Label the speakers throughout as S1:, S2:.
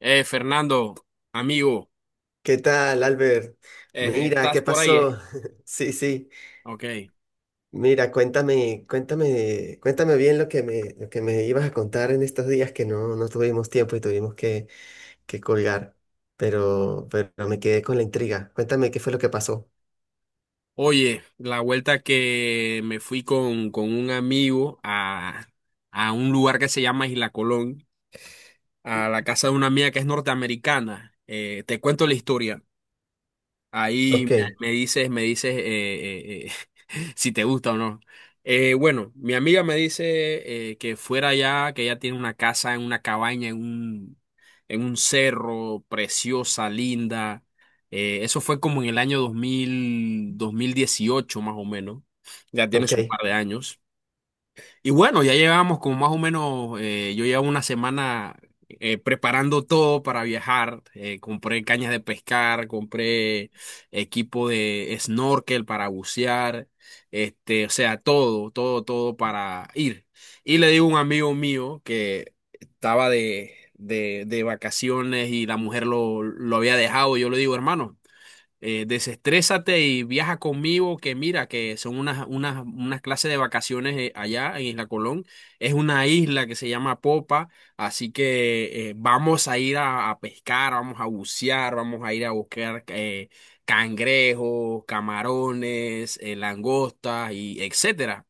S1: Fernando, amigo,
S2: ¿Qué tal, Albert? Mira,
S1: ¿estás
S2: ¿qué
S1: por ahí?
S2: pasó? Sí, sí.
S1: Ok.
S2: Mira, cuéntame bien lo que me ibas a contar en estos días que no tuvimos tiempo y tuvimos que colgar. Pero me quedé con la intriga. Cuéntame qué fue lo que pasó.
S1: Oye, la vuelta que me fui con un amigo a un lugar que se llama Isla Colón, a la casa de una amiga que es norteamericana. Te cuento la historia.
S2: Ok,
S1: Ahí me dices si te gusta o no. Bueno, mi amiga me dice que fuera allá, que ella tiene una casa en una cabaña, en un cerro, preciosa, linda. Eso fue como en el año 2018, más o menos. Ya tiene
S2: ok,
S1: su par de años. Y bueno, ya llevamos como más o menos, yo llevo una semana preparando todo para viajar. Compré cañas de pescar, compré equipo de snorkel para bucear, este, o sea, todo, todo, todo para ir. Y le digo a un amigo mío que estaba de vacaciones y la mujer lo había dejado. Y yo le digo, hermano, desestrésate y viaja conmigo, que mira, que son unas clases de vacaciones allá en Isla Colón. Es una isla que se llama Popa, así que vamos a ir a pescar, vamos a bucear, vamos a ir a buscar cangrejos, camarones, langostas y etcétera.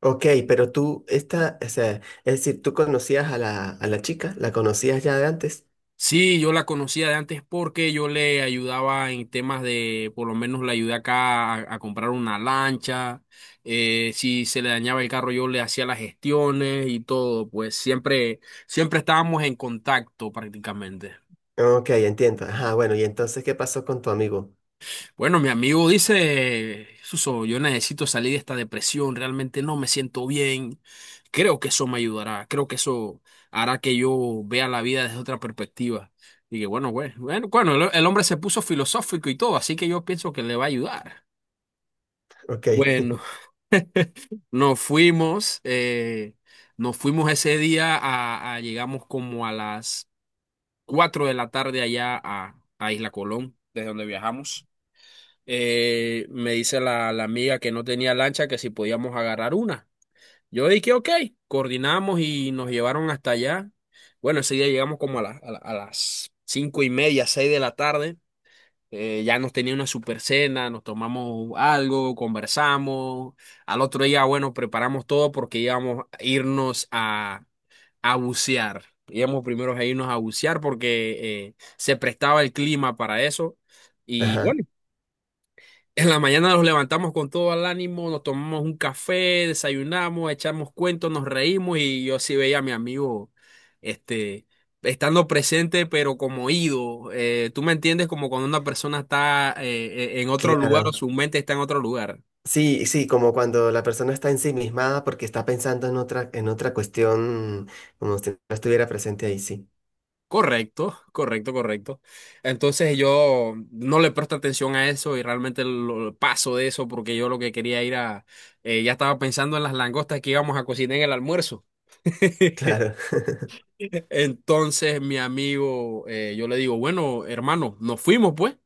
S2: ok, pero o sea, es decir, tú conocías a a la chica, la conocías ya de antes.
S1: Sí, yo la conocía de antes porque yo le ayudaba en temas de, por lo menos le ayudé acá a comprar una lancha. Si se le dañaba el carro yo le hacía las gestiones y todo, pues siempre estábamos en contacto prácticamente.
S2: Ok, entiendo. Ajá, bueno, y entonces, ¿qué pasó con tu amigo?
S1: Bueno, mi amigo dice, Suso, yo necesito salir de esta depresión, realmente no me siento bien. Creo que eso me ayudará, creo que eso hará que yo vea la vida desde otra perspectiva. Y que bueno, güey, bueno, bueno, el hombre se puso filosófico y todo, así que yo pienso que le va a ayudar.
S2: Ok,
S1: Bueno, nos fuimos, eh, nos fuimos ese día a, llegamos como a las 4 de la tarde allá a Isla Colón, desde donde viajamos. Me dice la amiga que no tenía lancha, que si podíamos agarrar una. Yo dije, ok, coordinamos y nos llevaron hasta allá. Bueno, ese día llegamos como a las cinco y media, seis de la tarde. Ya nos tenía una super cena, nos tomamos algo, conversamos. Al otro día, bueno, preparamos todo porque íbamos a irnos a bucear. Íbamos primero a irnos a bucear porque se prestaba el clima para eso. Y
S2: ajá,
S1: bueno, en la mañana nos levantamos con todo el ánimo, nos tomamos un café, desayunamos, echamos cuentos, nos reímos y yo sí veía a mi amigo, este, estando presente pero como ido. Tú me entiendes, como cuando una persona está en otro lugar, o
S2: claro.
S1: su mente está en otro lugar.
S2: Sí, sí, como cuando la persona está ensimismada porque está pensando en en otra cuestión, como si no estuviera presente ahí, sí,
S1: Correcto, correcto, correcto. Entonces yo no le presto atención a eso y realmente paso de eso porque yo lo que quería ir a, ya estaba pensando en las langostas que íbamos a cocinar en el almuerzo.
S2: claro.
S1: Entonces mi amigo, yo le digo, bueno, hermano, nos fuimos pues.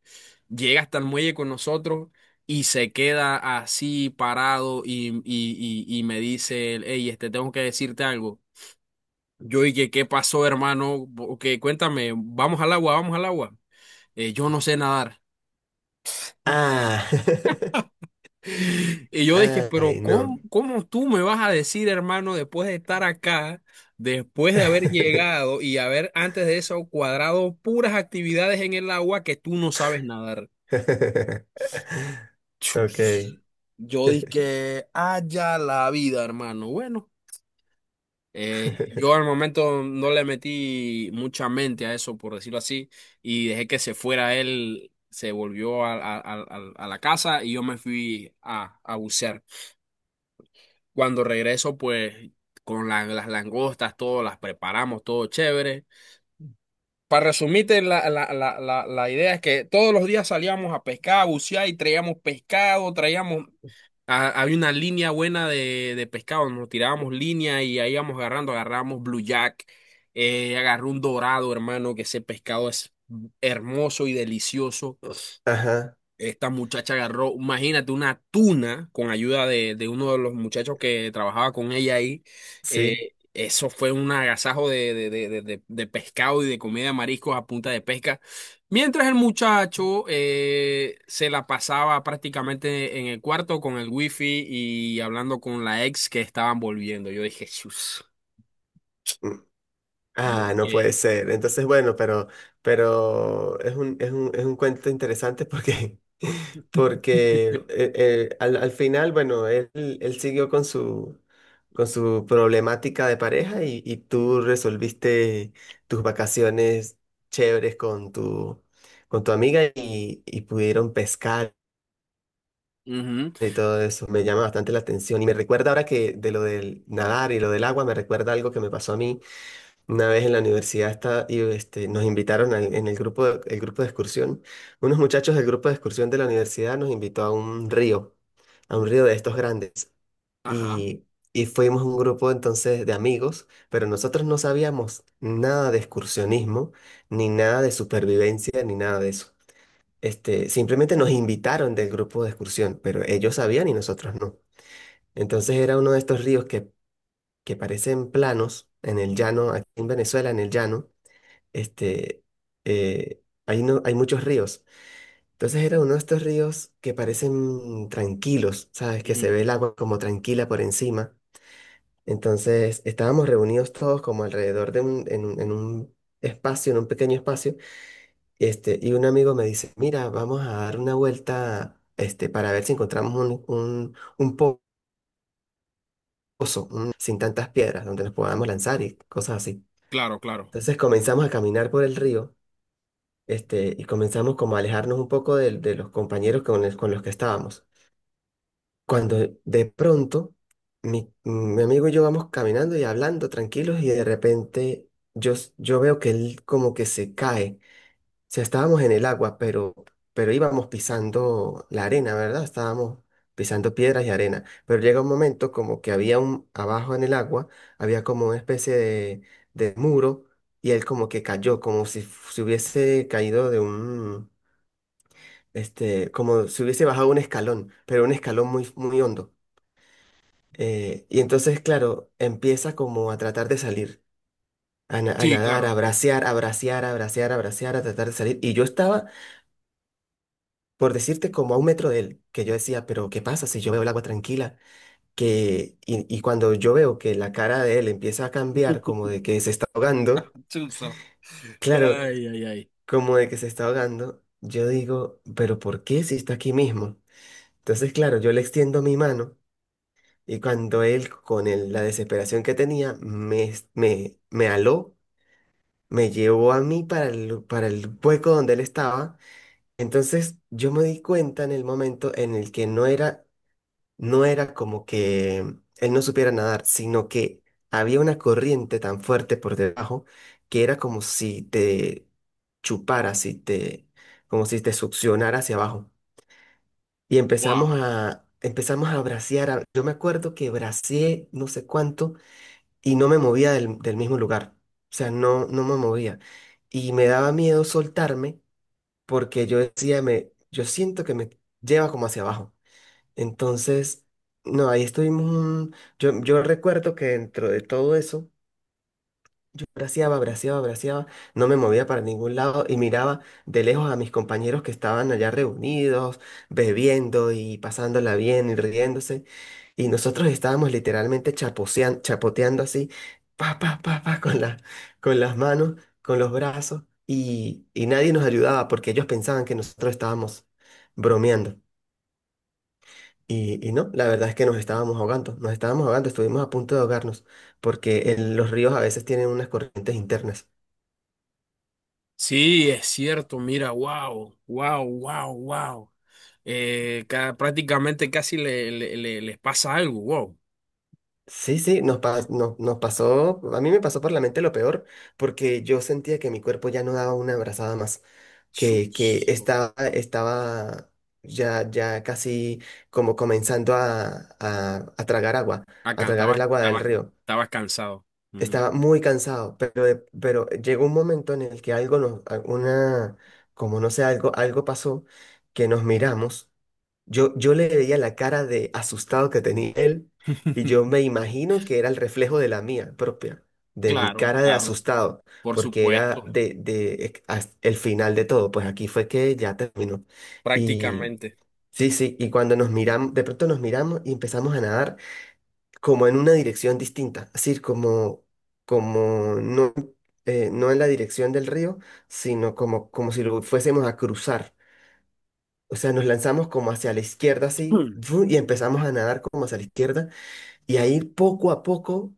S1: Llega hasta el muelle con nosotros y se queda así parado, y me dice, hey, este, tengo que decirte algo. Yo dije, ¿qué pasó, hermano? Que cuéntame, vamos al agua, vamos al agua. Yo no sé nadar.
S2: Ah,
S1: Y yo dije, pero
S2: ay, no.
S1: ¿cómo, cómo tú me vas a decir, hermano, después de estar acá, después de haber llegado y haber antes de eso cuadrado puras actividades en el agua, que tú no sabes nadar?
S2: Ok.
S1: Chus. Yo dije, haya la vida, hermano. Bueno, yo al momento no le metí mucha mente a eso, por decirlo así, y dejé que se fuera él, se volvió a la casa y yo me fui a bucear. Cuando regreso, pues con las langostas, todo, las preparamos, todo chévere. Para resumirte, la idea es que todos los días salíamos a pescar, a bucear y traíamos pescado, traíamos, había una línea buena de pescado, nos tirábamos línea y ahí íbamos agarrando, agarramos blue jack, agarré un dorado, hermano, que ese pescado es hermoso y delicioso.
S2: Ajá,
S1: Esta muchacha agarró, imagínate, una tuna con ayuda de uno de los muchachos que trabajaba con ella ahí.
S2: sí.
S1: Eso fue un agasajo de pescado y de comida de mariscos a punta de pesca. Mientras el muchacho se la pasaba prácticamente en el cuarto con el wifi y hablando con la ex, que estaban volviendo. Yo dije, chus. Yo
S2: Ah, no puede
S1: dije,
S2: ser. Entonces, bueno, pero es es un cuento interesante porque, porque al, al final, bueno, él siguió con con su problemática de pareja y tú resolviste tus vacaciones chéveres con con tu amiga y pudieron pescar
S1: ujú.
S2: y todo eso. Me llama bastante la atención y me recuerda ahora que de lo del nadar y lo del agua, me recuerda algo que me pasó a mí una vez en la universidad está, y este, nos invitaron al- en el grupo el grupo de excursión. Unos muchachos del grupo de excursión de la universidad nos invitó a un río de estos grandes.
S1: Ajá.
S2: Y, y fuimos un grupo entonces de amigos, pero nosotros no sabíamos nada de excursionismo, ni nada de supervivencia, ni nada de eso. Este, simplemente nos invitaron del grupo de excursión, pero ellos sabían y nosotros no. Entonces era uno de estos ríos que parecen planos en el llano, aquí en Venezuela, en el llano este, no, hay muchos ríos. Entonces era uno de estos ríos que parecen tranquilos, ¿sabes? Que se
S1: Ujú.
S2: ve el agua como tranquila por encima. Entonces estábamos reunidos todos como alrededor de en un espacio, en un pequeño espacio, este, y un amigo me dice, mira, vamos a dar una vuelta, este, para ver si encontramos un po- pozo, un- sin tantas piedras, donde nos podamos lanzar y cosas así.
S1: Claro, claro.
S2: Entonces comenzamos a caminar por el río. Este, y comenzamos como a alejarnos un poco de los compañeros con, el- con los que estábamos. Cuando de pronto mi amigo y yo vamos caminando y hablando tranquilos y de repente yo veo que él como que se cae. O sea, estábamos en el agua, pero íbamos pisando la arena, ¿verdad? Estábamos pisando piedras y arena. Pero llega un momento como que había un, abajo en el agua, había como una especie de muro y él como que cayó, como si, f- se hubiese caído de un, este, como si hubiese bajado un escalón, pero un escalón muy, muy hondo. Y entonces, claro, empieza como a tratar de salir, a
S1: Sí,
S2: nadar,
S1: claro.
S2: a bracear, a tratar de salir. Y yo estaba, por decirte, como a un metro de él, que yo decía, pero ¿qué pasa si yo veo el agua tranquila? Y cuando yo veo que la cara de él empieza a cambiar, como de que se está ahogando,
S1: Chuzo.
S2: claro,
S1: Ay, ay, ay.
S2: como de que se está ahogando, yo digo, pero ¿por qué si está aquí mismo? Entonces, claro, yo le extiendo mi mano. Y cuando él, con el- la desesperación que tenía, me aló, me llevó a mí para para el hueco donde él estaba. Entonces yo me di cuenta en el momento en el que no era, no era como que él no supiera nadar, sino que había una corriente tan fuerte por debajo que era como si te chupara, si te, como si te succionara hacia abajo. Y
S1: Wow.
S2: empezamos a bracear. A- Yo me acuerdo que braceé no sé cuánto y no me movía del mismo lugar. O sea, no me movía. Y me daba miedo soltarme porque yo decía, me, yo siento que me lleva como hacia abajo. Entonces, no, ahí estuvimos un- Yo recuerdo que dentro de todo eso braceaba, no me movía para ningún lado y miraba de lejos a mis compañeros que estaban allá reunidos, bebiendo y pasándola bien y riéndose. Y nosotros estábamos literalmente chapotean- chapoteando así, pa, pa, pa, pa, con las manos, con los brazos, y nadie nos ayudaba porque ellos pensaban que nosotros estábamos bromeando. Y no, la verdad es que nos estábamos ahogando, estuvimos a punto de ahogarnos, porque el- los ríos a veces tienen unas corrientes internas.
S1: Sí, es cierto, mira, wow, wow, wow, wow. Prácticamente casi les pasa algo, wow.
S2: Sí, sí, nos, pa- no- nos pasó, a mí me pasó por la mente lo peor, porque yo sentía que mi cuerpo ya no daba una abrazada más, que
S1: Chus.
S2: estaba, estaba ya casi como comenzando a tragar agua, a
S1: Acá
S2: tragar el agua del río.
S1: estabas cansado. Mm.
S2: Estaba muy cansado, pero, de- pero llegó un momento en el que algo nos, a- una, como no sé, algo pasó, que nos miramos. Yo le veía la cara de asustado que tenía él y yo me imagino que era el reflejo de la mía propia, de mi
S1: Claro,
S2: cara de
S1: claro,
S2: asustado,
S1: por
S2: porque era
S1: supuesto,
S2: de ex- as- el final de todo, pues aquí fue que ya terminó. Y
S1: prácticamente.
S2: sí, sí, y cuando nos miramos, de pronto nos miramos y empezamos a nadar como en una dirección distinta, así como, como no, no en la dirección del río, sino como, como si lo fuésemos a cruzar. O sea, nos lanzamos como hacia la izquierda, así, ¡fu! Y empezamos a nadar como hacia la izquierda, y ahí poco a poco,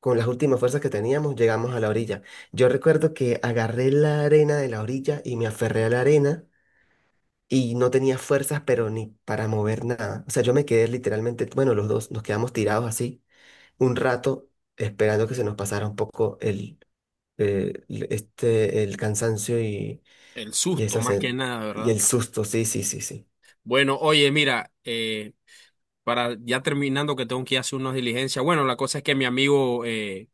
S2: con las últimas fuerzas que teníamos, llegamos a la orilla. Yo recuerdo que agarré la arena de la orilla y me aferré a la arena, y no tenía fuerzas, pero ni para mover nada. O sea, yo me quedé literalmente, bueno, los dos nos quedamos tirados así un rato, esperando que se nos pasara un poco el, este, el cansancio
S1: El susto
S2: esa
S1: más que
S2: sen-
S1: nada,
S2: y
S1: ¿verdad?
S2: el susto, sí, sí, sí, sí.
S1: Bueno, oye, mira, para ya terminando, que tengo que ir a hacer unas diligencias. Bueno, la cosa es que mi amigo,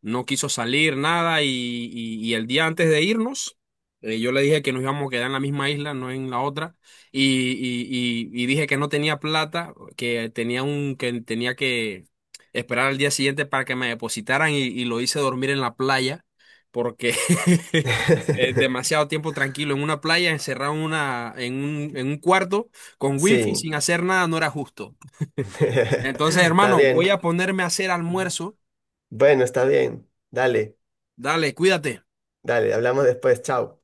S1: no quiso salir, nada, y el día antes de irnos, yo le dije que nos íbamos a quedar en la misma isla, no en la otra, y, y- y dije que no tenía plata, que tenía un, que tenía que esperar al día siguiente para que me depositaran, y lo hice dormir en la playa, porque demasiado tiempo tranquilo en una playa, encerrado en una, en un cuarto con wifi,
S2: Sí,
S1: sin hacer nada, no era justo. Entonces,
S2: está
S1: hermano,
S2: bien.
S1: voy a ponerme a hacer almuerzo.
S2: Bueno, está bien. Dale,
S1: Dale, cuídate.
S2: hablamos después. Chao.